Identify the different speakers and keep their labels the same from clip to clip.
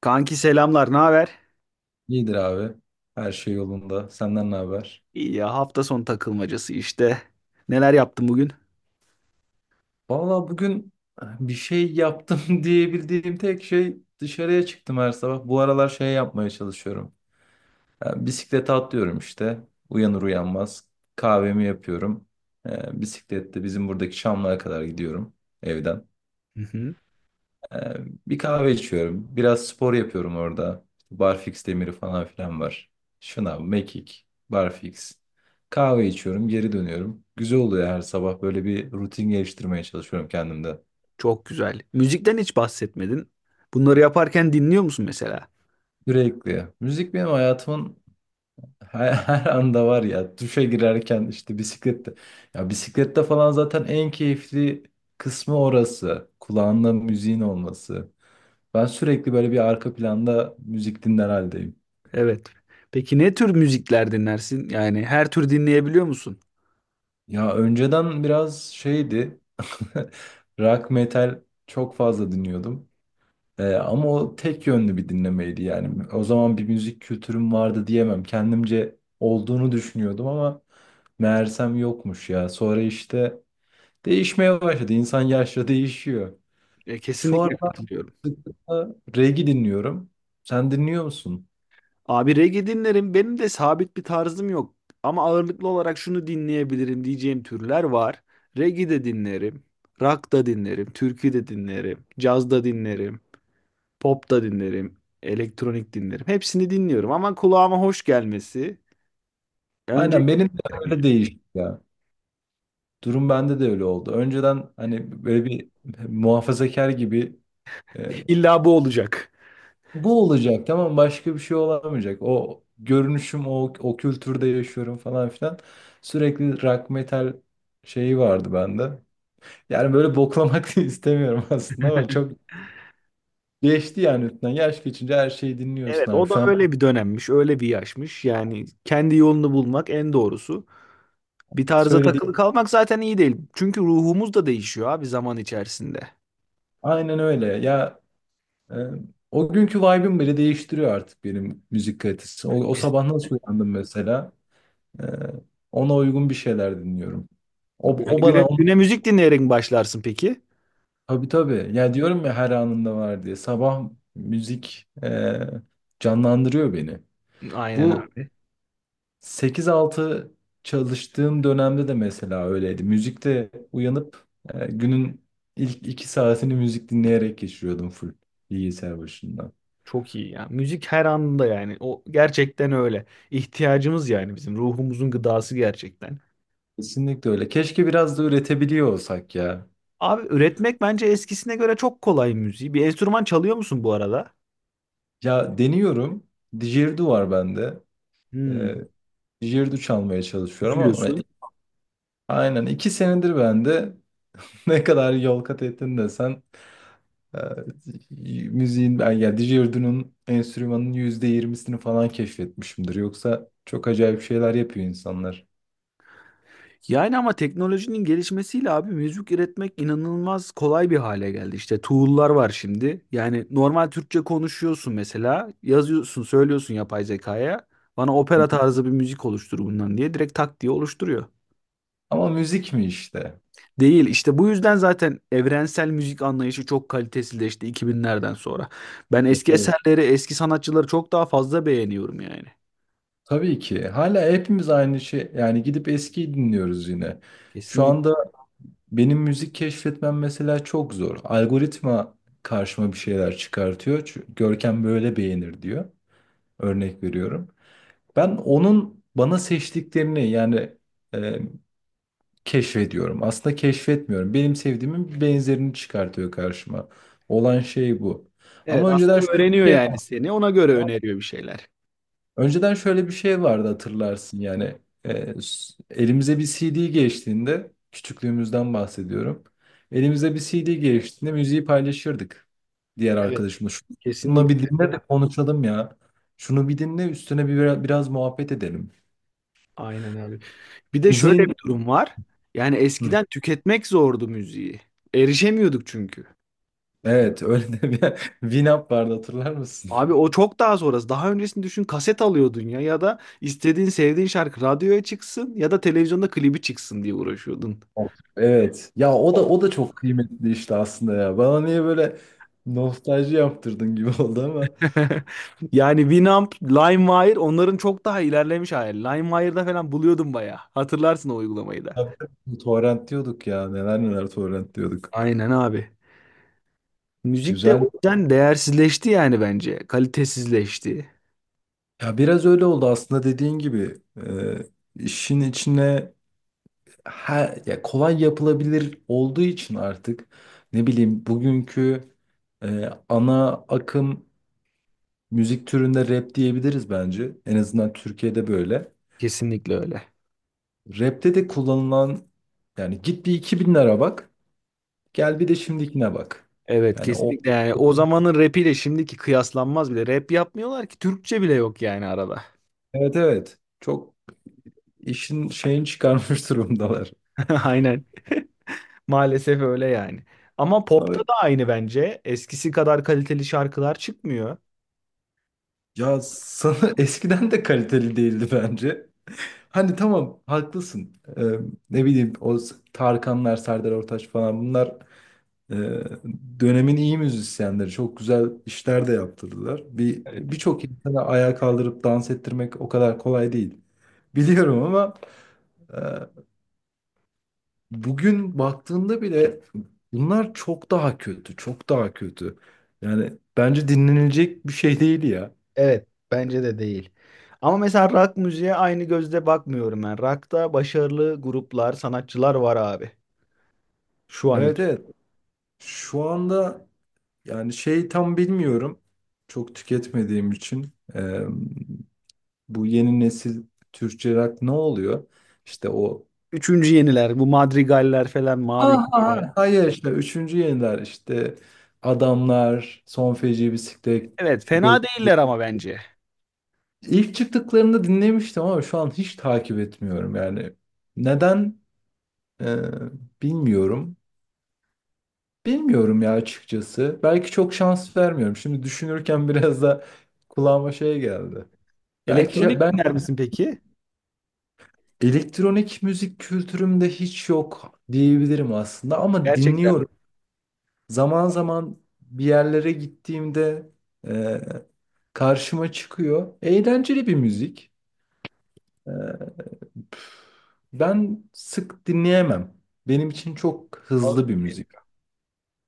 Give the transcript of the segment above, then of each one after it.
Speaker 1: Kanki selamlar, ne haber?
Speaker 2: İyidir abi. Her şey yolunda. Senden ne haber?
Speaker 1: İyi ya, hafta sonu takılmacası işte. Neler yaptın bugün?
Speaker 2: Valla bugün bir şey yaptım diyebildiğim tek şey dışarıya çıktım her sabah. Bu aralar şey yapmaya çalışıyorum. Yani bisiklete atlıyorum işte. Uyanır uyanmaz. Kahvemi yapıyorum. Bisiklette bizim buradaki Çamlı'ya kadar gidiyorum evden.
Speaker 1: Hı hı.
Speaker 2: Ee, bir kahve içiyorum. Biraz spor yapıyorum orada. İşte Barfix demiri falan filan var. Şınav, mekik, barfix. Kahve içiyorum, geri dönüyorum. Güzel oluyor, her sabah böyle bir rutin geliştirmeye çalışıyorum kendimde.
Speaker 1: Çok güzel. Müzikten hiç bahsetmedin. Bunları yaparken dinliyor musun mesela?
Speaker 2: Sürekli. Müzik benim hayatımın her anda var ya. Duşa girerken, işte bisiklette. Ya bisiklette falan zaten en keyifli kısmı orası. Kulağında müziğin olması. Ben sürekli böyle bir arka planda müzik dinler haldeyim.
Speaker 1: Evet. Peki ne tür müzikler dinlersin? Yani her tür dinleyebiliyor musun?
Speaker 2: Ya önceden biraz şeydi. Rock metal çok fazla dinliyordum. Ama o tek yönlü bir dinlemeydi yani. O zaman bir müzik kültürüm vardı diyemem. Kendimce olduğunu düşünüyordum ama meğersem yokmuş ya. Sonra işte değişmeye başladı. İnsan yaşla değişiyor. Şu
Speaker 1: Kesinlikle
Speaker 2: aralar
Speaker 1: katılıyorum.
Speaker 2: sıklıkla reggae dinliyorum. Sen dinliyor musun?
Speaker 1: Abi reggae dinlerim. Benim de sabit bir tarzım yok. Ama ağırlıklı olarak şunu dinleyebilirim diyeceğim türler var. Reggae de dinlerim. Rock da dinlerim. Türkü de dinlerim. Caz da dinlerim. Pop da dinlerim. Elektronik dinlerim. Hepsini dinliyorum, ama kulağıma hoş gelmesi. Önce
Speaker 2: Aynen, benim de
Speaker 1: dinlerim
Speaker 2: öyle
Speaker 1: yani.
Speaker 2: değişti ya. Durum bende de öyle oldu. Önceden hani böyle bir muhafazakar gibi, e,
Speaker 1: İlla bu olacak.
Speaker 2: bu olacak, tamam, başka bir şey olamayacak. O görünüşüm, o kültürde yaşıyorum falan filan. Sürekli rock metal şeyi vardı bende. Yani böyle boklamak da istemiyorum aslında ama çok geçti yani üstünden. Yaş geçince her şeyi dinliyorsun
Speaker 1: Evet,
Speaker 2: abi.
Speaker 1: o da
Speaker 2: Şu an
Speaker 1: öyle bir dönemmiş, öyle bir yaşmış. Yani kendi yolunu bulmak en doğrusu. Bir tarza
Speaker 2: söylediğim
Speaker 1: takılı , evet, kalmak zaten iyi değil. Çünkü ruhumuz da değişiyor abi zaman içerisinde.
Speaker 2: aynen öyle. Ya e, o günkü vibe'im bile değiştiriyor artık benim müzik kalitesi. O
Speaker 1: Yani
Speaker 2: sabah nasıl uyandım mesela? E, ona uygun bir şeyler dinliyorum. O, o
Speaker 1: güne,
Speaker 2: bana.
Speaker 1: güne müzik dinleyerek mi başlarsın peki?
Speaker 2: Tabii tabii. Ya diyorum ya, her anında var diye. Sabah müzik canlandırıyor beni.
Speaker 1: Aynen
Speaker 2: Bu
Speaker 1: abi.
Speaker 2: 8-6 çalıştığım dönemde de mesela öyleydi. Müzikte uyanıp günün ilk 2 saatini müzik dinleyerek geçiriyordum, full bilgisayar başında.
Speaker 1: Çok iyi ya. Müzik her anında yani. O gerçekten öyle. İhtiyacımız, yani bizim ruhumuzun gıdası gerçekten.
Speaker 2: Kesinlikle öyle. Keşke biraz da üretebiliyor olsak ya.
Speaker 1: Abi üretmek bence eskisine göre çok kolay müziği. Bir enstrüman çalıyor musun bu arada?
Speaker 2: Ya deniyorum. Didgeridoo var bende. E,
Speaker 1: Hmm.
Speaker 2: didgeridoo çalmaya çalışıyorum ama
Speaker 1: Üflüyorsun.
Speaker 2: aynen 2 senedir bende. Ne kadar yol kat ettin desen, e, müziğin ben ya DJ Erdun'un enstrümanının %20'sini falan keşfetmişimdir. Yoksa çok acayip şeyler yapıyor insanlar.
Speaker 1: Yani ama teknolojinin gelişmesiyle abi müzik üretmek inanılmaz kolay bir hale geldi. İşte tool'lar var şimdi. Yani normal Türkçe konuşuyorsun mesela, yazıyorsun, söylüyorsun yapay zekaya. Bana
Speaker 2: Hı
Speaker 1: opera
Speaker 2: hı.
Speaker 1: tarzı bir müzik oluştur bundan diye direkt tak diye oluşturuyor.
Speaker 2: Ama müzik mi işte?
Speaker 1: Değil işte, bu yüzden zaten evrensel müzik anlayışı çok kalitesizleşti 2000'lerden sonra. Ben eski
Speaker 2: Evet.
Speaker 1: eserleri, eski sanatçıları çok daha fazla beğeniyorum yani.
Speaker 2: Tabii ki. Hala hepimiz aynı şey. Yani gidip eskiyi dinliyoruz yine. Şu anda benim müzik keşfetmem mesela çok zor. Algoritma karşıma bir şeyler çıkartıyor. Çünkü Görkem böyle beğenir diyor. Örnek veriyorum. Ben onun bana seçtiklerini yani e, keşfediyorum. Aslında keşfetmiyorum. Benim sevdiğimin benzerini çıkartıyor karşıma. Olan şey bu.
Speaker 1: Evet,
Speaker 2: Ama önceden
Speaker 1: aslında
Speaker 2: şöyle
Speaker 1: öğreniyor
Speaker 2: bir şey
Speaker 1: yani
Speaker 2: vardı.
Speaker 1: seni. Ona göre öneriyor bir şeyler.
Speaker 2: Önceden şöyle bir şey vardı, hatırlarsın yani. Elimize bir CD geçtiğinde, küçüklüğümüzden bahsediyorum. Elimize bir CD geçtiğinde müziği paylaşırdık diğer
Speaker 1: Evet.
Speaker 2: arkadaşımla. Şunu bir
Speaker 1: Kesinlikle.
Speaker 2: dinle de konuşalım ya. Şunu bir dinle, üstüne bir biraz muhabbet edelim.
Speaker 1: Aynen abi. Bir de şöyle
Speaker 2: Müziğin.
Speaker 1: bir durum var. Yani eskiden tüketmek zordu müziği. Erişemiyorduk çünkü.
Speaker 2: Evet. Öyle de bir Winamp vardı, hatırlar mısın?
Speaker 1: Abi o çok daha sonrası. Daha öncesini düşün, kaset alıyordun ya, ya da istediğin sevdiğin şarkı radyoya çıksın ya da televizyonda klibi çıksın diye uğraşıyordun.
Speaker 2: Of. Evet. Ya o da o da çok kıymetli işte aslında ya. Bana niye böyle nostalji yaptırdın gibi oldu ama.
Speaker 1: Yani Winamp, LimeWire onların çok daha ilerlemiş hali. LimeWire'da falan buluyordum bayağı. Hatırlarsın o uygulamayı da.
Speaker 2: Tabii, torrent diyorduk ya. Neler neler torrent diyorduk.
Speaker 1: Aynen abi. Müzik de o
Speaker 2: Güzel.
Speaker 1: yüzden değersizleşti yani bence. Kalitesizleşti.
Speaker 2: Ya biraz öyle oldu aslında, dediğin gibi. Ee, işin içine ya, kolay yapılabilir olduğu için artık ne bileyim, bugünkü ana akım müzik türünde rap diyebiliriz bence. En azından Türkiye'de böyle.
Speaker 1: Kesinlikle öyle.
Speaker 2: Rap'te de kullanılan yani, git bir 2000'lere bak. Gel bir de şimdikine bak.
Speaker 1: Evet,
Speaker 2: Yani o
Speaker 1: kesinlikle, yani o zamanın rapiyle şimdiki kıyaslanmaz bile. Rap yapmıyorlar ki, Türkçe bile yok yani arada.
Speaker 2: evet evet. Çok işin şeyini çıkarmış durumdalar.
Speaker 1: Aynen. Maalesef öyle yani. Ama popta
Speaker 2: Abi,
Speaker 1: da aynı bence. Eskisi kadar kaliteli şarkılar çıkmıyor.
Speaker 2: ya sana eskiden de kaliteli değildi bence. Hani tamam, haklısın. Ne bileyim, o Tarkanlar, Serdar Ortaç falan bunlar, Ee, dönemin iyi müzisyenleri, çok güzel işler de yaptırdılar. Bir
Speaker 1: Evet.
Speaker 2: birçok insanı ayağa kaldırıp dans ettirmek o kadar kolay değil. Biliyorum ama e, bugün baktığında bile bunlar çok daha kötü, çok daha kötü. Yani bence dinlenilecek bir şey değil ya.
Speaker 1: Evet, bence de değil. Ama mesela rock müziğe aynı gözle bakmıyorum ben. Rock'ta başarılı gruplar, sanatçılar var abi. Şu an
Speaker 2: Evet
Speaker 1: için.
Speaker 2: evet. Şu anda yani şey, tam bilmiyorum. Çok tüketmediğim için bu yeni nesil Türkçe rock ne oluyor? İşte o
Speaker 1: Üçüncü yeniler, bu Madrigaller falan, Mavi Gemiler.
Speaker 2: Ha, hayır işte üçüncü yeniler işte adamlar, son feci bisiklet,
Speaker 1: Evet,
Speaker 2: dolu.
Speaker 1: fena değiller ama bence.
Speaker 2: İlk çıktıklarında dinlemiştim ama şu an hiç takip etmiyorum yani. Neden? Ee, bilmiyorum. Bilmiyorum ya açıkçası. Belki çok şans vermiyorum. Şimdi düşünürken biraz da kulağıma şey geldi. Belki
Speaker 1: Elektronik
Speaker 2: ben,
Speaker 1: dinler misin peki?
Speaker 2: elektronik müzik kültürümde hiç yok diyebilirim aslında ama
Speaker 1: Gerçekten
Speaker 2: dinliyorum. Zaman zaman bir yerlere gittiğimde ee, karşıma çıkıyor. Eğlenceli bir müzik. Ee, ben sık dinleyemem. Benim için çok
Speaker 1: mi?
Speaker 2: hızlı bir müzik.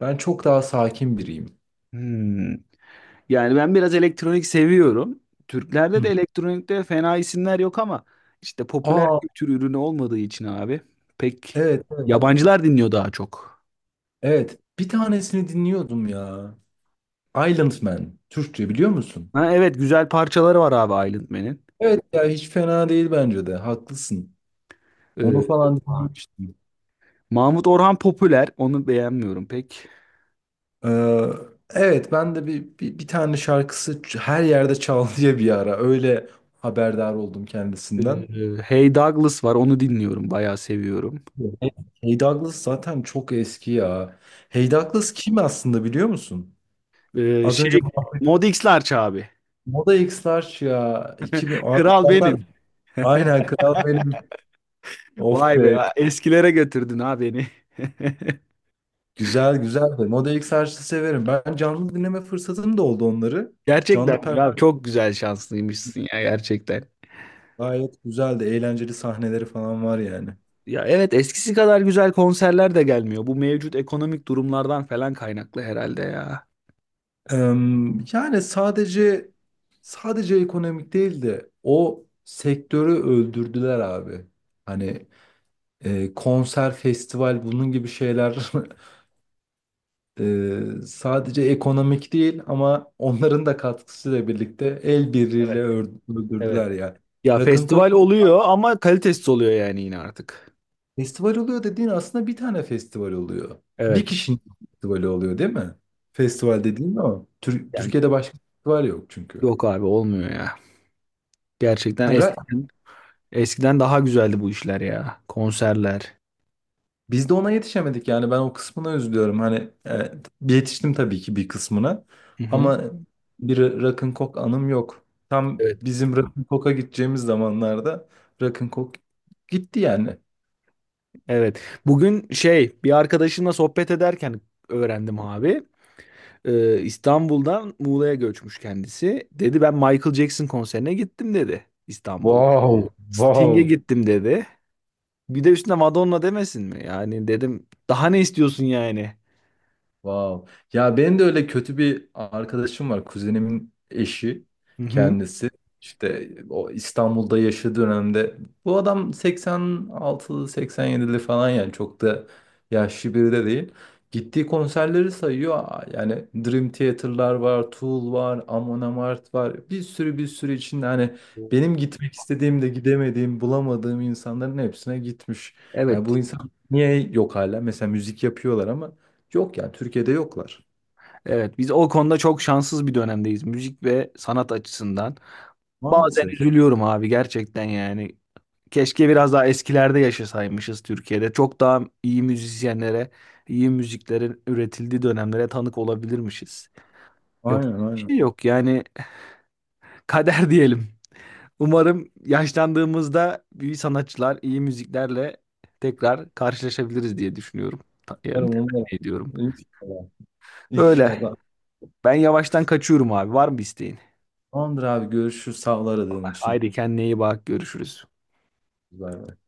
Speaker 2: Ben çok daha sakin biriyim.
Speaker 1: Hmm. Yani ben biraz elektronik seviyorum. Türklerde
Speaker 2: Hı.
Speaker 1: de elektronikte fena isimler yok ama işte popüler
Speaker 2: Aa,
Speaker 1: kültür ürünü olmadığı için abi pek
Speaker 2: evet evet.
Speaker 1: yabancılar dinliyor daha çok.
Speaker 2: Evet. Bir tanesini dinliyordum ya. Island Man. Türkçe biliyor musun?
Speaker 1: Ha, evet, güzel parçaları var abi Aylin Man'in.
Speaker 2: Evet ya, hiç fena değil bence de. Haklısın. Onu
Speaker 1: Ee,
Speaker 2: falan dinlemiştim.
Speaker 1: Mahmut Orhan popüler, onu beğenmiyorum pek.
Speaker 2: Ee, evet, ben de bir tane şarkısı her yerde çal diye bir ara. Öyle haberdar oldum kendisinden.
Speaker 1: Hey Douglas var, onu dinliyorum bayağı, seviyorum.
Speaker 2: Hey Hey Douglas zaten çok eski ya. Hey Douglas kim aslında, biliyor musun?
Speaker 1: Ee,
Speaker 2: Az önce
Speaker 1: şey Mod X Larç abi.
Speaker 2: Moda X'ler ya. 2000 abi
Speaker 1: Kral
Speaker 2: zaten,
Speaker 1: benim.
Speaker 2: aynen kral benim. Of
Speaker 1: Vay be,
Speaker 2: be.
Speaker 1: eskilere götürdün ha beni.
Speaker 2: Güzel güzel de. Moda X'ler severim. Ben canlı dinleme fırsatım da oldu onları.
Speaker 1: Gerçekten
Speaker 2: Canlı
Speaker 1: ya,
Speaker 2: performans
Speaker 1: çok güzel, şanslıymışsın ya gerçekten.
Speaker 2: gayet güzeldi. Eğlenceli sahneleri falan var yani.
Speaker 1: Ya evet, eskisi kadar güzel konserler de gelmiyor. Bu mevcut ekonomik durumlardan falan kaynaklı herhalde ya.
Speaker 2: Yani sadece ekonomik değil de o sektörü öldürdüler abi. Hani konser, festival bunun gibi şeyler, sadece ekonomik değil ama onların da katkısıyla birlikte el birliğiyle
Speaker 1: Evet, evet.
Speaker 2: öldürdüler yani.
Speaker 1: Ya
Speaker 2: Rock'n'Coke
Speaker 1: festival oluyor ama kalitesiz oluyor yani, yine artık.
Speaker 2: festival oluyor dediğin, aslında bir tane festival oluyor. Bir
Speaker 1: Evet.
Speaker 2: kişinin festivali oluyor değil mi? Festival dediğin o.
Speaker 1: Yani
Speaker 2: Türkiye'de başka festival yok çünkü.
Speaker 1: yok abi, olmuyor ya. Gerçekten
Speaker 2: Ha,
Speaker 1: eskiden daha güzeldi bu işler ya. Konserler.
Speaker 2: biz de ona yetişemedik yani, ben o kısmına üzülüyorum. Hani yetiştim tabii ki bir kısmına
Speaker 1: Hı hı.
Speaker 2: ama bir rock'n'cock anım yok. Tam
Speaker 1: Evet.
Speaker 2: bizim rock'n'cock'a gideceğimiz zamanlarda rock'n'cock gitti yani.
Speaker 1: Evet. Bugün şey, bir arkadaşımla sohbet ederken öğrendim abi. İstanbul'dan Muğla'ya göçmüş kendisi. Dedi ben Michael Jackson konserine gittim dedi İstanbul'da.
Speaker 2: Wow,
Speaker 1: Sting'e
Speaker 2: wow.
Speaker 1: gittim dedi. Bir de üstüne Madonna demesin mi? Yani dedim, daha ne istiyorsun yani?
Speaker 2: Wow. Ya benim de öyle kötü bir arkadaşım var. Kuzenimin eşi
Speaker 1: Hı hı.
Speaker 2: kendisi. İşte o İstanbul'da yaşadığı dönemde, bu adam 86'lı 87'li falan yani, çok da yaşlı biri de değil. Gittiği konserleri sayıyor. Aa, yani Dream Theater'lar var, Tool var, Amon Amarth var. Bir sürü bir sürü içinde hani benim gitmek istediğim de gidemediğim, bulamadığım insanların hepsine gitmiş. Yani
Speaker 1: Evet.
Speaker 2: bu insan niye yok hala? Mesela müzik yapıyorlar ama. Yok yani, Türkiye'de yoklar.
Speaker 1: Evet, biz o konuda çok şanssız bir dönemdeyiz müzik ve sanat açısından. Bazen
Speaker 2: Maalesef.
Speaker 1: üzülüyorum abi, gerçekten yani. Keşke biraz daha eskilerde yaşasaymışız Türkiye'de. Çok daha iyi müzisyenlere, iyi müziklerin üretildiği dönemlere tanık olabilirmişiz. Yapacak
Speaker 2: Aynen
Speaker 1: bir
Speaker 2: aynen.
Speaker 1: şey yok yani, kader diyelim. Umarım yaşlandığımızda iyi sanatçılar, iyi müziklerle tekrar karşılaşabiliriz diye düşünüyorum. Yani
Speaker 2: Umarım umarım.
Speaker 1: temenni ediyorum.
Speaker 2: İnşallah.
Speaker 1: Öyle.
Speaker 2: İnşallah.
Speaker 1: Ben yavaştan kaçıyorum abi. Var mı bir isteğin?
Speaker 2: Tamamdır abi, görüşürüz. Sağ ol aradığın için.
Speaker 1: Haydi kendine iyi bak. Görüşürüz.
Speaker 2: Bay bay.